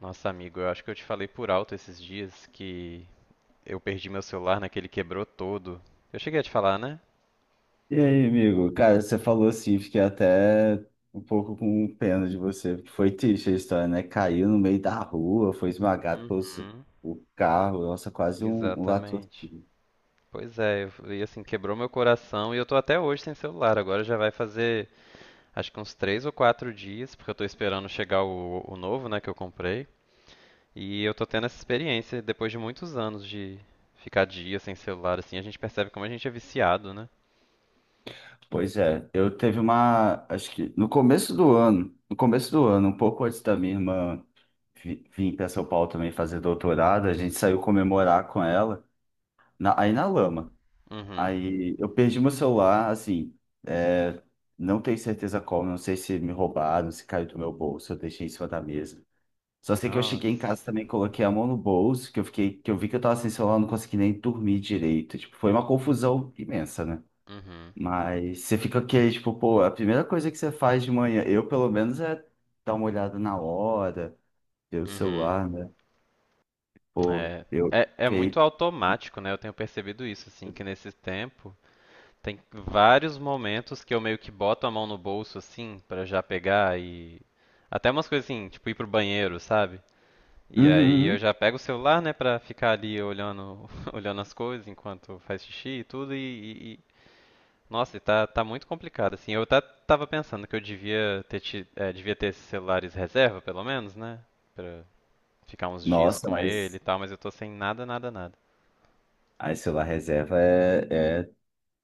Nossa, amigo, eu acho que eu te falei por alto esses dias que eu perdi meu celular naquele quebrou todo. Eu cheguei a te falar, né? E aí, amigo? Cara, você falou assim, fiquei até um pouco com pena de você, porque foi triste a história, né? Caiu no meio da rua, foi esmagado pelo Uhum, o carro, nossa, quase um exatamente. latrocínio. Pois é, e assim, quebrou meu coração e eu tô até hoje sem celular. Agora já vai fazer acho que uns três ou quatro dias, porque eu tô esperando chegar o novo, né, que eu comprei. E eu tô tendo essa experiência depois de muitos anos de ficar dias sem celular, assim, a gente percebe como a gente é viciado, né? Pois é, eu teve uma, acho que no começo do ano, um pouco antes da minha irmã vir para São Paulo também fazer doutorado, a gente saiu comemorar com ela, aí na lama. Uhum. Aí eu perdi meu celular, assim, é, não tenho certeza como, não sei se me roubaram, se caiu do meu bolso, eu deixei em cima da mesa. Só sei que eu cheguei em casa Nossa. também, coloquei a mão no bolso, que eu vi que eu tava sem celular, não consegui nem dormir direito. Tipo, foi uma confusão imensa, né? Uhum. Mas você fica aqui, tipo, pô, é a primeira coisa que você faz de manhã, eu pelo menos é dar uma olhada na hora, ver o Uhum. celular, né? Pô, É, eu é, é muito fiquei. automático, né? Eu tenho percebido isso, assim, que nesse tempo tem vários momentos que eu meio que boto a mão no bolso, assim, pra já pegar e. Até umas coisas assim, tipo ir pro banheiro, sabe? E Uhum, aí eu uhum. já pego o celular, né, pra ficar ali olhando, olhando as coisas enquanto faz xixi e tudo e. Nossa, e tá, tá muito complicado, assim. Eu até tava pensando que eu devia ter esses celulares reserva, pelo menos, né? Pra ficar uns dias Nossa, com ele e mas tal, mas eu tô sem nada, nada, nada. aí celular reserva é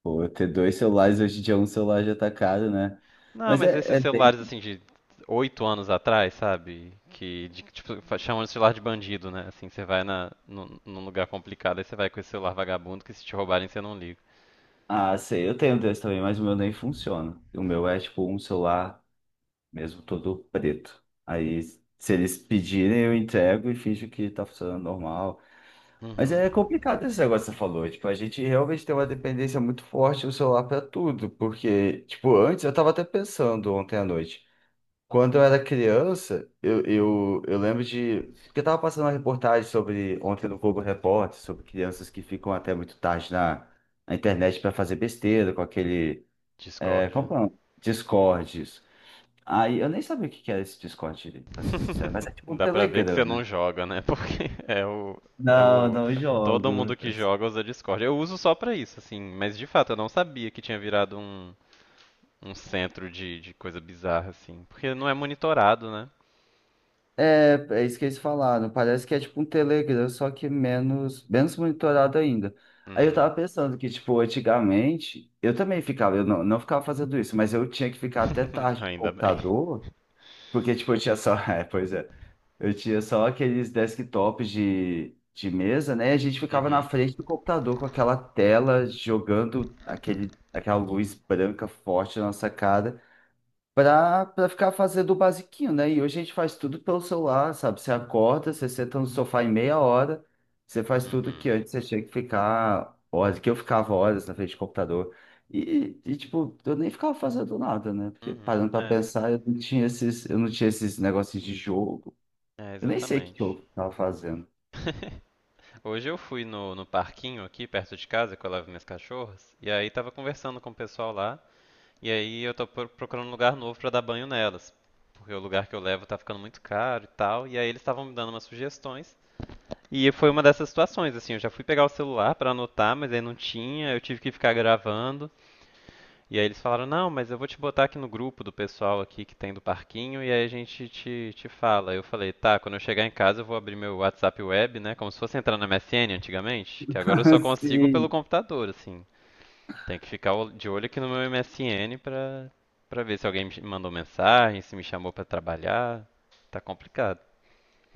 pô, ter dois celulares hoje em dia, um celular já tá caro, né? Não, Mas mas é, esses é bem... celulares assim de oito anos atrás, sabe? Que de, tipo, chamam de celular de bandido, né? Assim, você vai na, num lugar complicado, aí você vai com esse celular vagabundo que se te roubarem você não liga. Ah, sei, eu tenho dois também, mas o meu nem funciona. O meu é tipo um celular mesmo todo preto. Aí, se eles pedirem, eu entrego e finjo que tá funcionando normal. Mas Uhum. é complicado esse negócio que você falou. Tipo, a gente realmente tem uma dependência muito forte do celular pra tudo. Porque, tipo, antes eu tava até pensando ontem à noite. Quando eu era criança, eu lembro de. Porque eu tava passando uma reportagem sobre, ontem no Globo Repórter, sobre crianças que ficam até muito tarde na internet para fazer besteira com aquele. É, como Discórdia. que é o nome? Discords. Aí eu nem sabia o que que era esse Discord, pra ser sincero, mas é tipo um Dá pra ver que Telegram, você não né? joga, né? Porque é o, é Não, o. não Todo mundo jogo. que joga usa Discord. Eu uso só pra isso, assim. Mas de fato, eu não sabia que tinha virado um, um centro de coisa bizarra, assim. Porque não é monitorado, né? É, é isso que eles falaram. Parece que é tipo um Telegram, só que menos, menos monitorado ainda. Aí eu Uhum. tava pensando que, tipo, antigamente, eu também ficava, eu não, não ficava fazendo isso, mas eu tinha que ficar até tarde no Ainda bem. computador, porque, tipo, eu tinha só, é, pois é, eu tinha só aqueles desktops de mesa, né? E a gente ficava na Uhum. frente do computador com aquela tela jogando aquele, aquela luz branca forte na nossa cara pra ficar fazendo o basiquinho, né? E hoje a gente faz tudo pelo celular, sabe? Você acorda, você senta no sofá em meia hora, você faz tudo que Uhum. antes você tinha que ficar horas, que eu ficava horas na frente do computador. E, tipo, eu nem ficava fazendo nada, né? Porque Uhum. parando pra É, pensar, eu não tinha esses negócios de jogo. é Eu nem sei o que que exatamente. eu tava fazendo. Hoje eu fui no, no parquinho aqui perto de casa que eu levo minhas cachorras e aí tava conversando com o pessoal lá e aí eu tô procurando um lugar novo pra dar banho nelas, porque o lugar que eu levo tá ficando muito caro e tal, e aí eles estavam me dando umas sugestões. E foi uma dessas situações assim, eu já fui pegar o celular pra anotar, mas aí não tinha, eu tive que ficar gravando. E aí eles falaram, não, mas eu vou te botar aqui no grupo do pessoal aqui que tem do parquinho e aí a gente te fala. Eu falei, tá, quando eu chegar em casa eu vou abrir meu WhatsApp web, né? Como se fosse entrar na MSN antigamente, que agora eu só consigo pelo Sim. computador, assim. Tem que ficar de olho aqui no meu MSN pra, pra ver se alguém me mandou mensagem, se me chamou pra trabalhar. Tá complicado.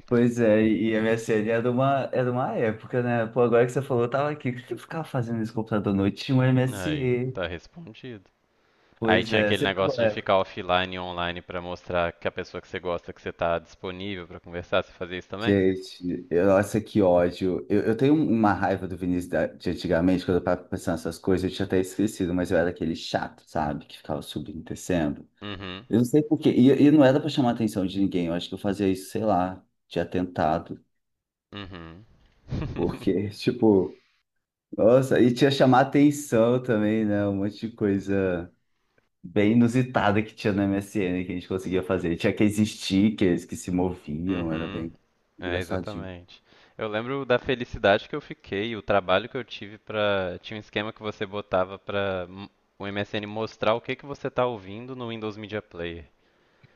Pois é, e a MSN era uma época, né? Pô, agora que você falou, eu tava aqui. O que que eu ficava fazendo nesse computador à noite? Tinha um Aí, MSN. tá respondido. Aí Pois tinha é, aquele você negócio pegou, de é. ficar offline e online pra mostrar que a pessoa que você gosta que você tá disponível pra conversar, você fazia isso também? Gente, nossa, que ódio. Eu tenho uma raiva do Vinícius de antigamente, quando eu tava pensando nessas coisas, eu tinha até esquecido, mas eu era aquele chato, sabe? Que ficava subindo e descendo. Uhum. Eu não sei por quê. E não era pra chamar a atenção de ninguém. Eu acho que eu fazia isso, sei lá, de atentado. Uhum. Porque, tipo, nossa, e tinha chamar atenção também, né? Um monte de coisa bem inusitada que tinha no MSN que a gente conseguia fazer. Tinha aqueles stickers que se moviam, era Uhum. bem É, engraçadinho. exatamente. Eu lembro da felicidade que eu fiquei, o trabalho que eu tive pra. Tinha um esquema que você botava o MSN mostrar o que que você tá ouvindo no Windows Media Player.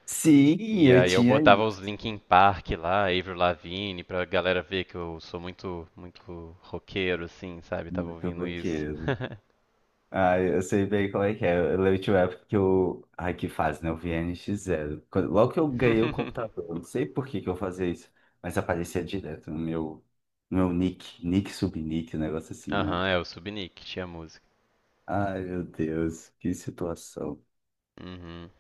Sim, E eu aí eu tinha botava os isso. Linkin Park lá, Avril Lavigne, pra galera ver que eu sou muito, muito roqueiro, assim, sabe? Tava Muito ouvindo isso. roqueiro. Ah, eu sei bem como é que é. Eu lembro de uma época que eu. Ai, que fase, né? Eu vi NX Zero. Quando- logo que eu ganhei o computador, eu não sei por que que eu fazia isso, mas aparecia direto no meu nick, nick subnick, um negócio assim, né? Aham, é o Subnick, tinha música. Ai, meu Deus, que situação. Uhum.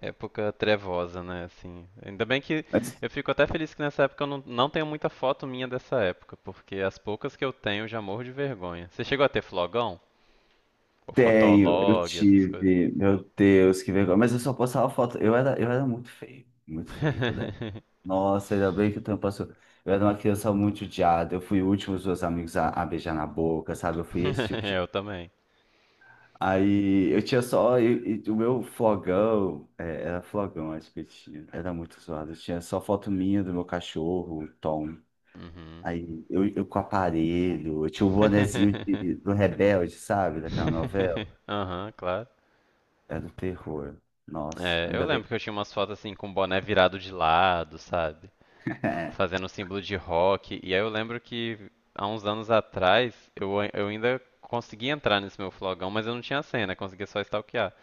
Época trevosa, né? Assim, ainda bem que eu fico até feliz que nessa época eu não, não tenho muita foto minha dessa época, porque as poucas que eu tenho eu já morro de vergonha. Você chegou a ter flogão? Ou Tenho, eu fotolog, essas coisas? tive, meu Deus, que vergonha. Mas eu só postava foto. Eu era muito feio, né? Nossa, ainda bem que o tempo passou. Eu era uma criança muito odiada. Eu fui o último dos meus amigos a beijar na boca, sabe? Eu fui esse tipo de. Eu também. Aí eu tinha só. E o meu flogão, é, era flogão, acho que eu tinha. Era muito zoado. Eu tinha só foto minha do meu cachorro, o Tom. Uhum. Aí eu com aparelho, eu tinha o bonezinho do Rebelde, sabe? Daquela novela. Aham, claro. É do terror. Nossa, É, eu ainda lembro bem. que eu tinha umas fotos assim com o boné virado de lado, sabe? Fazendo o símbolo de rock. E aí eu lembro que há uns anos atrás eu ainda consegui entrar nesse meu flogão, mas eu não tinha senha, conseguia só stalkear.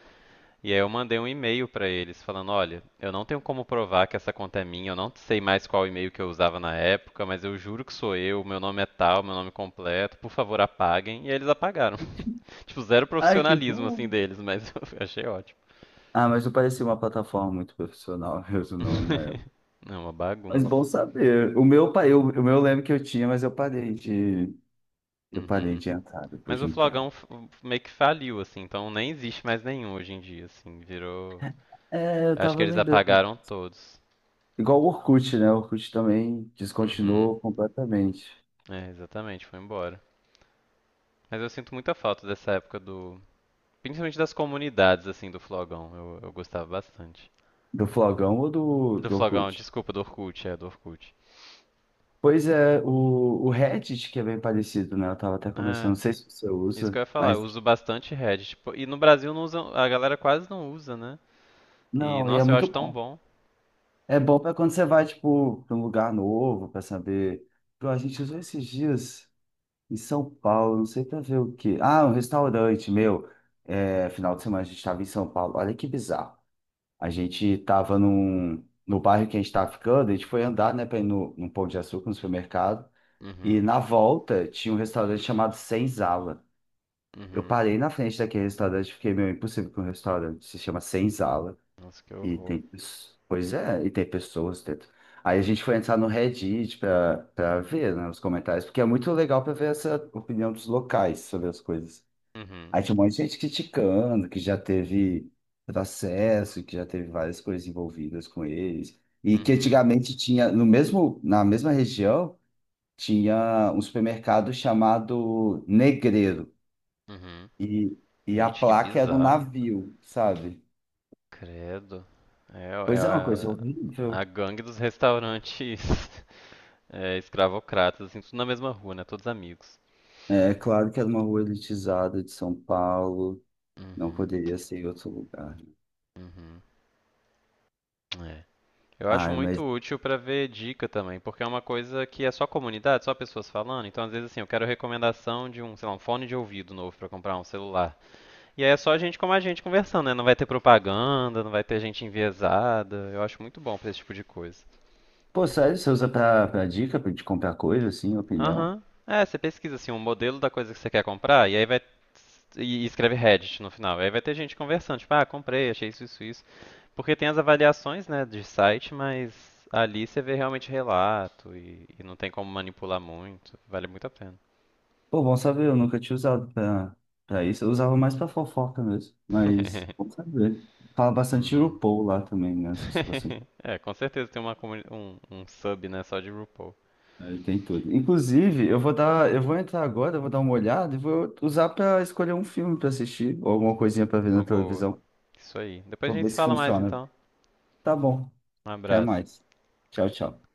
E aí eu mandei um e-mail pra eles falando, olha, eu não tenho como provar que essa conta é minha, eu não sei mais qual e-mail que eu usava na época, mas eu juro que sou eu, meu nome é tal, meu nome completo, por favor apaguem. E aí eles apagaram. Tipo, zero Ai, que profissionalismo bom. assim deles, mas eu achei ótimo. Ah, mas não parecia uma plataforma muito profissional mesmo, não, na época. Não, uma Mas bom bagunça. saber. O meu, o meu eu lembro que eu tinha, mas eu parei Uhum. de entrar depois Mas de o um tempo. Meio que faliu, assim, então nem existe mais nenhum hoje em dia, assim, virou. É, eu Acho que tava eles lembrando. apagaram todos. Igual o Orkut, né? O Orkut também Uhum. descontinuou completamente. É, exatamente, foi embora. Mas eu sinto muita falta dessa época do. Principalmente das comunidades, assim, do Flogão. Eu gostava bastante. Do Flogão ou Do do Flogão, Orkut? desculpa, do Orkut. Pois é, o Reddit, que é bem parecido, né? Eu tava até começando, não É, sei se você isso que usa, eu ia falar, eu mas. uso bastante Reddit. Pô, e no Brasil não usa, a galera quase não usa, né? E, Não, e é nossa, eu muito acho tão bom. bom. É bom para quando você vai, tipo, para um lugar novo, para saber. Pô, a gente usou esses dias em São Paulo, não sei para ver o quê. Ah, um restaurante, meu. É, final de semana a gente estava em São Paulo. Olha que bizarro. A gente estava no bairro que a gente estava ficando, a gente foi andar, né, para ir no, num Pão de Açúcar, no supermercado. E Uhum, na volta tinha um restaurante chamado Senzala. Eu uhum. parei na frente daquele restaurante, fiquei meio impossível com um restaurante, se chama Senzala. Nossa, que E horror. tem, pois é, e tem pessoas dentro. Aí a gente foi entrar no Reddit para ver, né, os comentários, porque é muito legal para ver essa opinião dos locais sobre as coisas. Uhum, Aí tinha um monte de gente criticando, que já teve processo, que já teve várias coisas envolvidas com eles. E que uhum, antigamente tinha, no mesmo, na mesma região, tinha um supermercado chamado Negreiro. uhum. E, e a Gente, que placa era um bizarro. navio, sabe? Credo. É, é Pois é, uma coisa a horrível. gangue dos restaurantes é, escravocratas, assim, tudo na mesma rua, né? Todos amigos. É é claro que era uma rua elitizada de São Paulo, não Uhum, poderia ser em outro lugar. uhum. É. Eu acho Ai, muito mas, útil pra ver dica também, porque é uma coisa que é só comunidade, só pessoas falando. Então, às vezes, assim, eu quero recomendação de um, sei lá, um fone de ouvido novo pra comprar um celular. E aí é só gente como a gente conversando, né? Não vai ter propaganda, não vai ter gente enviesada. Eu acho muito bom pra esse tipo de coisa. pô, sério, você usa pra dica, pra de comprar coisa, assim, opinião? Aham. É, você pesquisa assim um modelo da coisa que você quer comprar e aí vai e escreve Reddit no final. Aí vai ter gente conversando, tipo, ah, comprei, achei isso, isso, isso. Porque tem as avaliações, né, de site, mas ali você vê realmente relato e não tem como manipular muito. Vale muito a pena. Pô, bom saber, eu nunca tinha usado pra isso, eu usava mais pra fofoca mesmo, mas, bom saber. Fala bastante de Uhum. RuPaul lá também, né, essas situações. É, com certeza tem uma um, um sub, né, só de RuPaul. Aí tem tudo. Inclusive, eu vou entrar agora, eu vou dar uma olhada e vou usar pra escolher um filme pra assistir, ou alguma Hum, coisinha pra ver uma na boa. televisão, Isso aí. Depois pra a gente ver se se fala mais funciona. então. Tá bom, Um até abraço. mais. Tchau, tchau.